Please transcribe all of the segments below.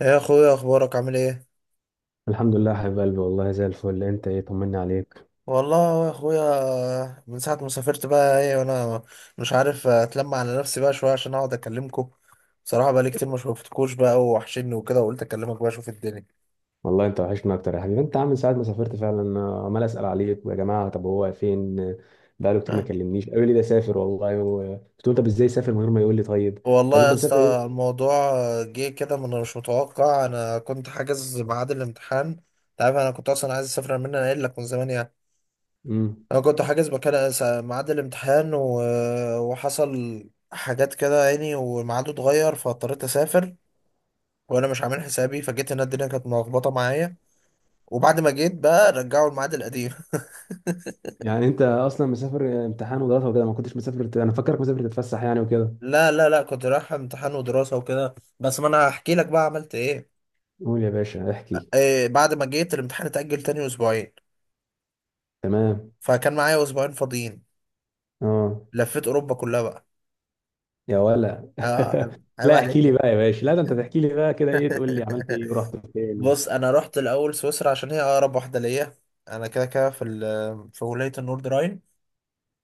يا اخويا، اخبارك عامل ايه؟ الحمد لله يا حبيب قلبي، والله زي الفل. انت ايه؟ طمني عليك. والله يا اخويا من ساعه ما سافرت بقى ايه، وانا مش عارف اتلم على نفسي بقى شويه عشان اقعد اكلمكم. بصراحه بقى لي كتير ما شفتكوش بقى، ووحشني وكده، وقلت اكلمك بقى اشوف الدنيا. والله انت وحشنا اكتر يا حبيبي. انت عامل ساعه ما سافرت، فعلا انا عمال اسال عليك يا جماعه، طب هو فين؟ بقاله كتير ما آه. كلمنيش، قالوا لي ده سافر والله قلت له طب ازاي سافر من غير ما يقول لي؟ طيب. طب والله انت يا مسافر اسطى ايه؟ الموضوع جه كده من مش متوقع. انا كنت حاجز ميعاد الامتحان. انت عارف انا كنت اصلا عايز اسافر من انا قايل لك من زمان يعني. امم انا كنت حاجز مكان ميعاد الامتحان و... وحصل حاجات كده يعني وميعاده اتغير، فاضطريت اسافر. وانا مش عامل حسابي، فجيت هنا الدنيا كانت ملخبطه معايا. وبعد ما جيت بقى رجعوا الميعاد القديم. يعني انت اصلا مسافر امتحان ودراسه وكده، ما كنتش مسافر، انا فاكرك مسافر تتفسح يعني وكده. لا لا لا، كنت رايح امتحان ودراسه وكده، بس ما انا هحكي لك بقى عملت ايه. قول يا باشا احكي. إيه، بعد ما جيت الامتحان اتأجل تاني اسبوعين. تمام. فكان معايا اسبوعين فاضيين. اه. لفيت اوروبا كلها بقى. يا ولا اه عيب عيب لا عليك احكي لي بقى. بقى يا باشا، لا ده انت تحكي لي بقى كده، ايه تقول لي عملت ايه ورحت فين. بص، انا رحت الاول سويسرا عشان هي اقرب واحده ليا. انا كده كده في في ولايه النورد راين.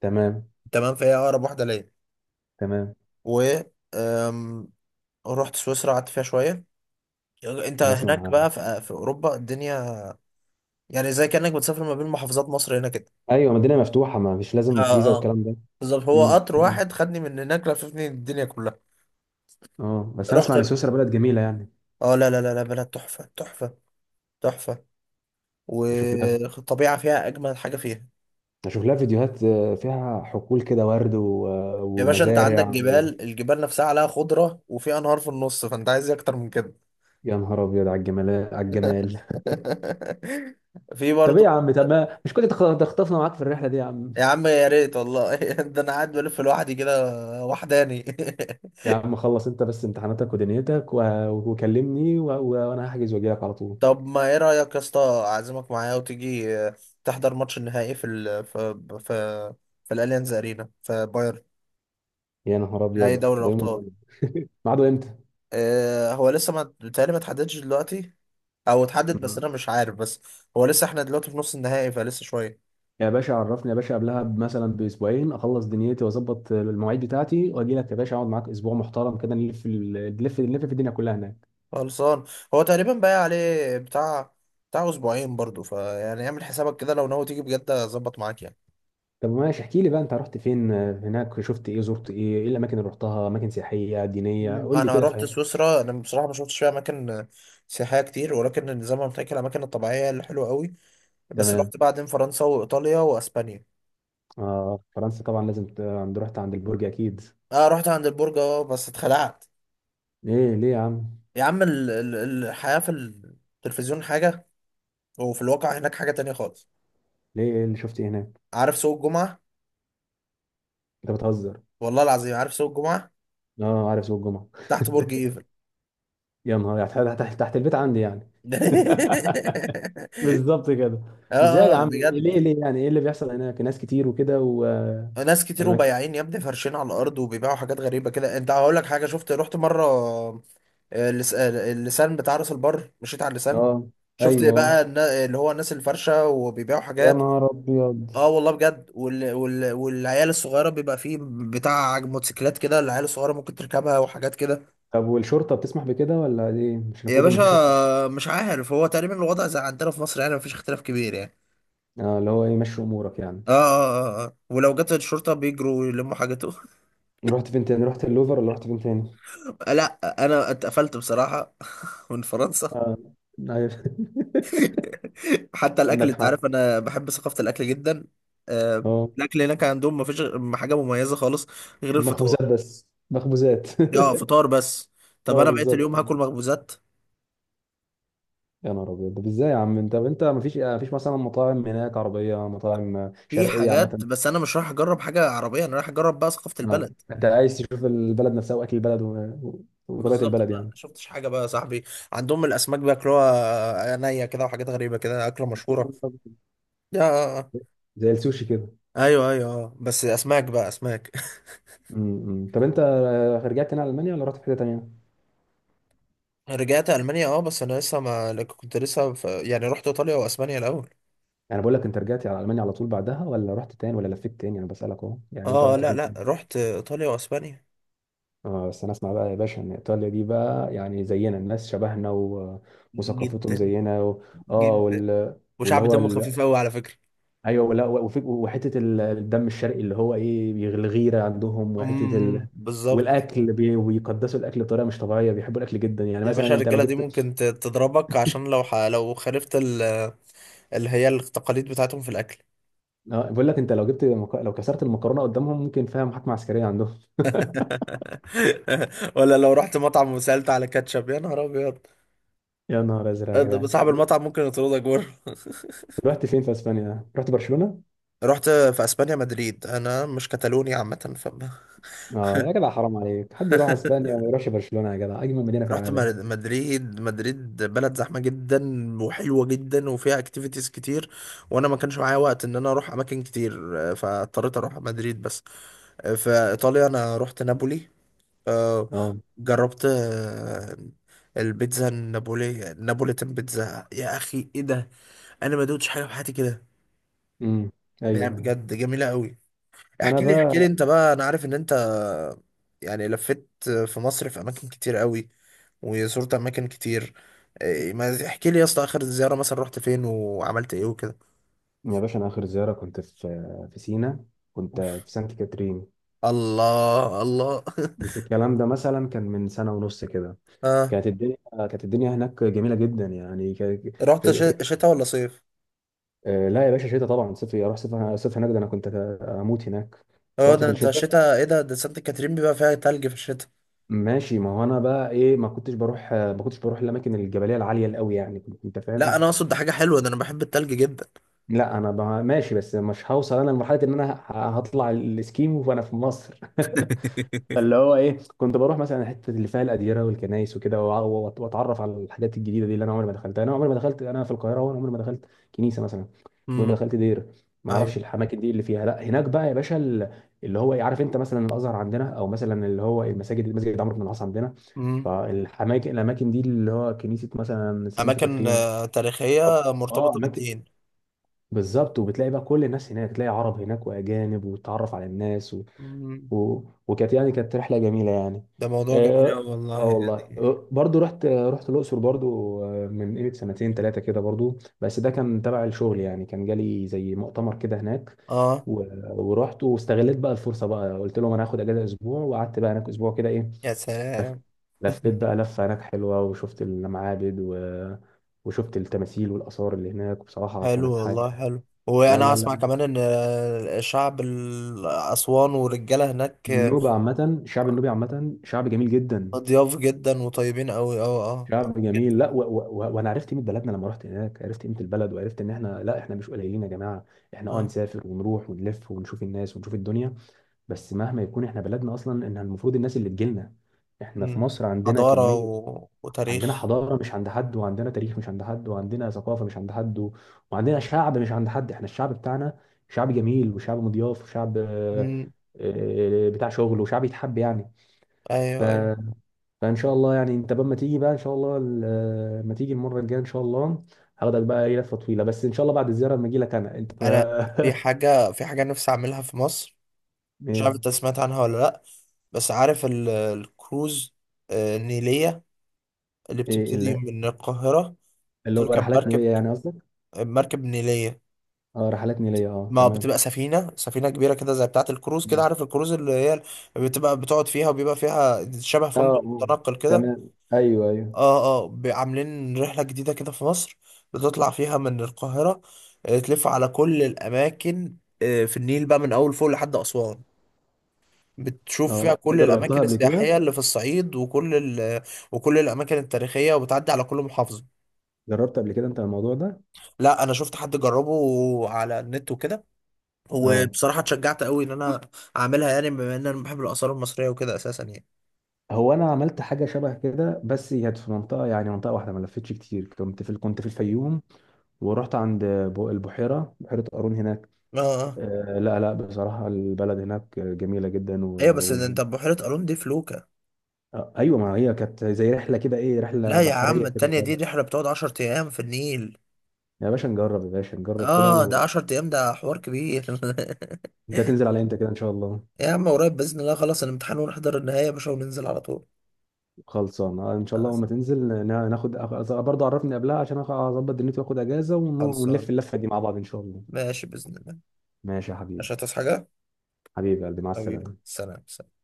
تمام. تمام، فهي اقرب واحده ليا. تمام. و أم، رحت سويسرا، قعدت فيها شويه. يعني انت انا هناك اسمع. بقى في اوروبا الدنيا يعني زي كانك بتسافر ما بين محافظات مصر هنا كده. ايوه مدينه مفتوحه، ما مش لازم فيزا اه اه، والكلام ده. بالظبط. هو قطر أمم. واحد خدني من هناك لففني الدنيا كلها. اه بس انا اسمع رحت ان ب- سويسرا بلد جميله يعني. اه لا لا لا لا، بلد تحفه تحفه تحفه. بشوف لها والطبيعه فيها اجمل حاجه فيها. فيديوهات، فيها حقول كده ورد يا باشا انت عندك ومزارع. جبال، الجبال نفسها عليها خضره، وفي انهار في النص، فانت عايز ايه اكتر من كده؟ يا نهار ابيض على الجمال على الجمال. في طب ايه يا برضو. عم؟ طب مش كنت تخطفنا معاك في الرحله دي يا عم؟ يا عم يا ريت والله. ده انا قاعد بلف لوحدي كده وحداني. يا عم خلص انت بس امتحاناتك ودنيتك وكلمني وانا هحجز واجي لك على طول. طب ما ايه رأيك يا اسطى، اعزمك معايا وتيجي تحضر ماتش النهائي في ال في في في الاليانز ارينا في بايرن؟ يا نهار نهائي ابيض دوري ده يوم الابطال. المهم ميعاده امتى؟ آه، هو لسه ما بيتهيألي ما اتحددش دلوقتي، او اتحدد بس انا مش عارف. بس هو لسه احنا دلوقتي في نص النهائي، فلسه شوية. يا باشا عرفني يا باشا قبلها مثلا باسبوعين، اخلص دنيتي واظبط المواعيد بتاعتي واجي لك يا باشا، اقعد معاك اسبوع محترم كده، نلف نلف نلف في الدنيا كلها هناك. خلصان، هو تقريبا باقي عليه بتاع اسبوعين برضو، فيعني اعمل حسابك كده لو ناوي تيجي بجد اظبط معاك يعني. طب ماشي احكي لي بقى، انت رحت فين هناك؟ شفت ايه؟ زرت ايه؟ ايه الاماكن اللي رحتها؟ اماكن سياحيه دينيه؟ مم. قول لي انا كده، رحت فاهم. سويسرا، انا بصراحه ما شفتش فيها اماكن سياحيه كتير، ولكن زي ما قلت لك الاماكن الطبيعيه هي اللي حلوه قوي. بس تمام. رحت بعدين فرنسا وايطاليا واسبانيا. اه فرنسا طبعا لازم ت- عند رحت عند البرج اكيد. اه رحت عند البرج، اه بس اتخلعت. ايه ليه يا عم؟ يا عم، الحياه في التلفزيون حاجه، وفي الواقع هناك حاجه تانية خالص. ليه؟ ايه اللي شفت؟ ايه هناك؟ عارف سوق الجمعه؟ انت بتهزر. والله العظيم عارف سوق الجمعه اه عارف سوق الجمعه. تحت برج ايفل. يا نهار، يعني تحت تحت تحت البيت عندي يعني. بالظبط كده. اه ازاي يا آه، عم؟ بجد. ليه ليه يعني؟ ايه اللي بيحصل هناك؟ ناس كتير وكده و ناس كتير والمك... وبياعين يا ابني فارشين على الارض وبيبيعوا حاجات غريبه كده. انت هقول لك حاجه، شفت، رحت مره اللسان بتاع راس البر، مشيت على اللسان، اه. شفت ايوه. بقى اللي هو الناس الفرشة وبيبيعوا يا حاجات. نهار ابيض. اه والله بجد، والعيال الصغيرة بيبقى فيه بتاع موتوسيكلات كده، العيال الصغيرة ممكن تركبها وحاجات كده. طب والشرطه بتسمح بكده ولا ايه؟ مش يا المفروض ان باشا في شرطه؟ مش عارف، هو تقريبا الوضع زي عندنا في مصر يعني، مفيش اختلاف كبير يعني. اه اللي هو ايه، مشي امورك يعني. اه اه اه آه. آه. ولو جت الشرطة بيجروا يلموا حاجته. رحت فين تاني؟ رحت اللوفر ولا رحت فين تاني؟ لا، انا اتقفلت بصراحة من فرنسا. اه. ايوه حتى الاكل، عندك انت حق. عارف انا بحب ثقافه الاكل جدا. آه، اه. الاكل هناك عندهم ما فيش حاجه مميزه خالص غير الفطار. مخبوزات بس مخبوزات اه فطار بس. طب اه انا بقيت بالظبط. اليوم هاكل مخبوزات. يا نهار ابيض، طب ازاي يا عم؟ انت طب انت مفيش مثلا مطاعم هناك عربيه، مطاعم في شرقيه حاجات عامه؟ بس انا مش رايح اجرب حاجه عربيه، انا رايح اجرب بقى ثقافه اه البلد. انت عايز تشوف البلد نفسها واكل البلد وطبيعه بالظبط بقى، البلد ما أنا يعني. شفتش حاجه بقى يا صاحبي. عندهم الاسماك بياكلوها نيه كده، وحاجات غريبه كده، اكله مشهوره يا. زي السوشي كده. ايوه ايوه آه. بس اسماك بقى اسماك. امم. طب انت رجعت تاني على المانيا ولا رحت في حته تانيه؟ رجعت المانيا، اه بس انا لسه ما كنت لسه في... يعني رحت ايطاليا واسبانيا الاول. يعني بقول لك، انت رجعت على المانيا على طول بعدها، ولا رحت تاني، ولا لفيت تاني؟ انا بسالك اهو، يعني انت اه رحت لا فين لا، تاني؟ رحت ايطاليا واسبانيا. اه بس انا اسمع بقى يا باشا ان ايطاليا دي بقى يعني زينا، الناس شبهنا وثقافتهم جدا، زينا اه جدا، واللي وشعب هو دمه خفيف قوي على فكره. ايوه ولا وحته الدم الشرقي اللي هو ايه الغيره عندهم، وحته بالظبط. بيقدسوا الاكل بطريقه مش طبيعيه، بيحبوا الاكل جدا. يعني يا باشا مثلا انت لو الرجاله دي جبت، ممكن تضربك عشان لو لو خالفت اللي هي التقاليد بتاعتهم في الاكل. بقول لك انت لو جبت لو كسرت المكرونه قدامهم ممكن فيها محاكمه عسكريه عندهم. ولا لو رحت مطعم وسالت على كاتشب، يا نهار ابيض، يا نهار ازرق يا ده جدعان، صاحب طب المطعم ممكن يطردك بره. رحت فين في اسبانيا؟ رحت برشلونه؟ رحت في اسبانيا مدريد، انا مش كتالوني عامه ف. اه يا جدع حرام عليك، حد يروح اسبانيا وما يروحش برشلونه؟ يا جدع اجمل مدينه في رحت العالم. مدريد، مدريد بلد زحمة جدا، وحلوة جدا، وفيها اكتيفيتيز كتير، وانا ما كانش معايا وقت ان انا اروح اماكن كتير، آه، فاضطريت اروح مدريد بس. آه، في ايطاليا انا رحت نابولي. آه، اه. جربت آه، البيتزا النابولية، نابوليتان بيتزا، يا اخي ايه ده. انا ما دوتش حاجة في حياتي كده، امم. يعني ايوه ايوه. بجد جميلة قوي. انا احكي لي احكي لي بقى انت بقى، انا عارف ان انت يعني لفيت في مصر في اماكن كتير قوي وزرت اماكن كتير. إيه، ما تحكي لي يا اسطى، اخر زياره مثلا رحت فين وعملت ايه وكده؟ يا باشا، انا اخر زياره كنت في سينا، كنت في أوف. سانت كاترين. الله الله. بس الكلام ده مثلا كان من سنة ونص كده. اه كانت الدنيا هناك جميلة جدا يعني رحت في... في... شتاء ولا صيف؟ آه لا يا باشا شتاء طبعا، صيف اروح، صيف صيف هناك ده انا كنت اموت هناك. اه رحت ده في انت الشتاء. شتاء ايه ده، ده سانت كاترين بيبقى فيها تلج في الشتاء. ماشي، ما هو انا بقى ايه، ما كنتش بروح الاماكن الجبليه العاليه قوي يعني، انت فاهم. لا انا اقصد ده حاجه حلوه، ده انا بحب التلج جدا. لا انا ماشي، بس مش هوصل انا لمرحله ان انا هطلع الاسكيمو وانا في مصر فاللي هو ايه، كنت بروح مثلا الحته اللي فيها الاديره والكنايس وكده واتعرف على الحاجات الجديده دي اللي انا عمري ما دخلتها. انا عمري ما دخلت انا في القاهره، وانا عمري ما دخلت كنيسه مثلا، عمري امم، ما دخلت دير، ما ايوه. اعرفش الاماكن دي اللي فيها. لا هناك بقى يا باشا اللي هو عارف انت مثلا الازهر عندنا، او مثلا اللي هو المساجد، مسجد عمرو بن العاص عندنا. امم. فالاماكن دي اللي هو كنيسه مثلا سانت اماكن كاترين. آه، تاريخيه أو- اه مرتبطه اماكن، بالدين. بالظبط. وبتلاقي بقى كل الناس هناك، تلاقي عرب هناك واجانب، وتتعرف على الناس امم. و... وكانت يعني كانت رحله جميله يعني. ده موضوع جميل اه. قوي والله آه والله يعني. آه، برضو رحت الاقصر برضو من قيمه سنتين ثلاثه كده برضو، بس ده كان تبع الشغل يعني، كان جالي زي مؤتمر كده هناك اه. و... ورحت واستغلت بقى الفرصه بقى، قلت لهم انا هاخد اجازه اسبوع، وقعدت بقى هناك اسبوع كده ايه. يا لف- سلام. لفيت بقى لفة هناك حلوة وشفت المعابد وشفت التماثيل والآثار اللي هناك، بصراحة حلو كانت والله، حاجة. حلو. لا وانا لا اسمع لا، كمان ان شعب اسوان والرجاله هناك النوبة عامة، الشعب النوبي عامة شعب جميل جدا. ضياف جدا وطيبين قوي اه. اه آه، شعب جدا. جميل، لا وانا عرفت قيمه بلدنا لما رحت هناك، عرفت قيمه البلد، وعرفت ان احنا لا، احنا مش قليلين يا جماعه. احنا اه اه نسافر ونروح ونلف ونشوف الناس ونشوف الدنيا، بس مهما يكون احنا بلدنا اصلا، ان المفروض الناس اللي تجيلنا. احنا في أمم. مصر عندنا حضاره كميه، عندنا وتاريخ. حضاره مش عند حد، وعندنا تاريخ مش عند حد، وعندنا ثقافه مش عند حد وعندنا شعب مش عند حد. احنا الشعب بتاعنا شعب جميل، وشعب مضياف، وشعب أمم. بتاع شغل، وشعب يتحب يعني. ف... ايوه ايوه. فان شاء الله يعني انت بقى ما تيجي بقى ان شاء الله ما تيجي المره الجايه ان شاء الله، هاخدك بقى ايه لفه طويله، بس ان شاء الله بعد الزياره لما اجي لك انا انت انا في حاجه، في حاجه نفسي اعملها في مصر، مش ايه. عارف انت سمعت عنها ولا لا. بس عارف الكروز آه، النيليه اللي ايه بتبتدي من القاهره؟ اللي هو تركب رحلات نيليه مركب، يعني قصدك؟ مركب نيليه، اه رحلات نيليه اه ما بتبقى تمام. سفينة، سفينة كبيرة كده زي بتاعة الكروز كده، مم. عارف الكروز اللي هي بتبقى بتقعد فيها وبيبقى فيها شبه اه فندق متنقل كده. تمام ايوه ايوه. اه اه، عاملين رحلة جديدة كده في مصر بتطلع فيها من القاهرة، آه، تلف على كل الأماكن آه، في النيل بقى من أول فوق لحد أسوان، بتشوف فيها اه انت كل جربتها الأماكن قبل كده؟ السياحية اللي في الصعيد وكل ال وكل الأماكن التاريخية، وبتعدي على كل محافظة. جربت قبل كده انت الموضوع ده؟ لا أنا شفت حد جربه على النت وكده، اه. وبصراحة اتشجعت قوي ان انا اعملها، يعني بما ان انا بحب الاثار المصرية وكده اساسا يعني. هو انا عملت حاجه شبه كده، بس هي كانت في منطقه، يعني منطقه واحده، ما لفتش كتير. كنت في الفيوم، ورحت عند البحيره، بحيره قارون هناك. اه اه. لا لا بصراحة البلد هناك جميلة جدا ايوه بس و... ده انت بحيرة قارون دي في لوكا. آه، أيوة ما هي كانت زي رحلة كده، إيه رحلة لا يا عم، بحرية كده التانية دي صغيرة. رحلة بتقعد 10 ايام في النيل. يا باشا نجرب، يا باشا نجرب كده اه ده 10 ايام ده حوار كبير. أنت هتنزل على إمتى كده إن شاء الله؟ يا عم قريب باذن الله، خلاص الامتحان ونحضر النهاية يا باشا وننزل على طول. خلصان إن شاء آه، الله لما تنزل ناخد برضه عرفني قبلها عشان أظبط دنيتي، وآخد أجازة ونلف خلصان. اللفة دي مع بعض إن شاء الله. ماشي باذن الله. ماشي يا حبيبي. مش هتصحى حاجة. حبيبي يا قلبي، مع حبيبي، السلامة. سلام سلام.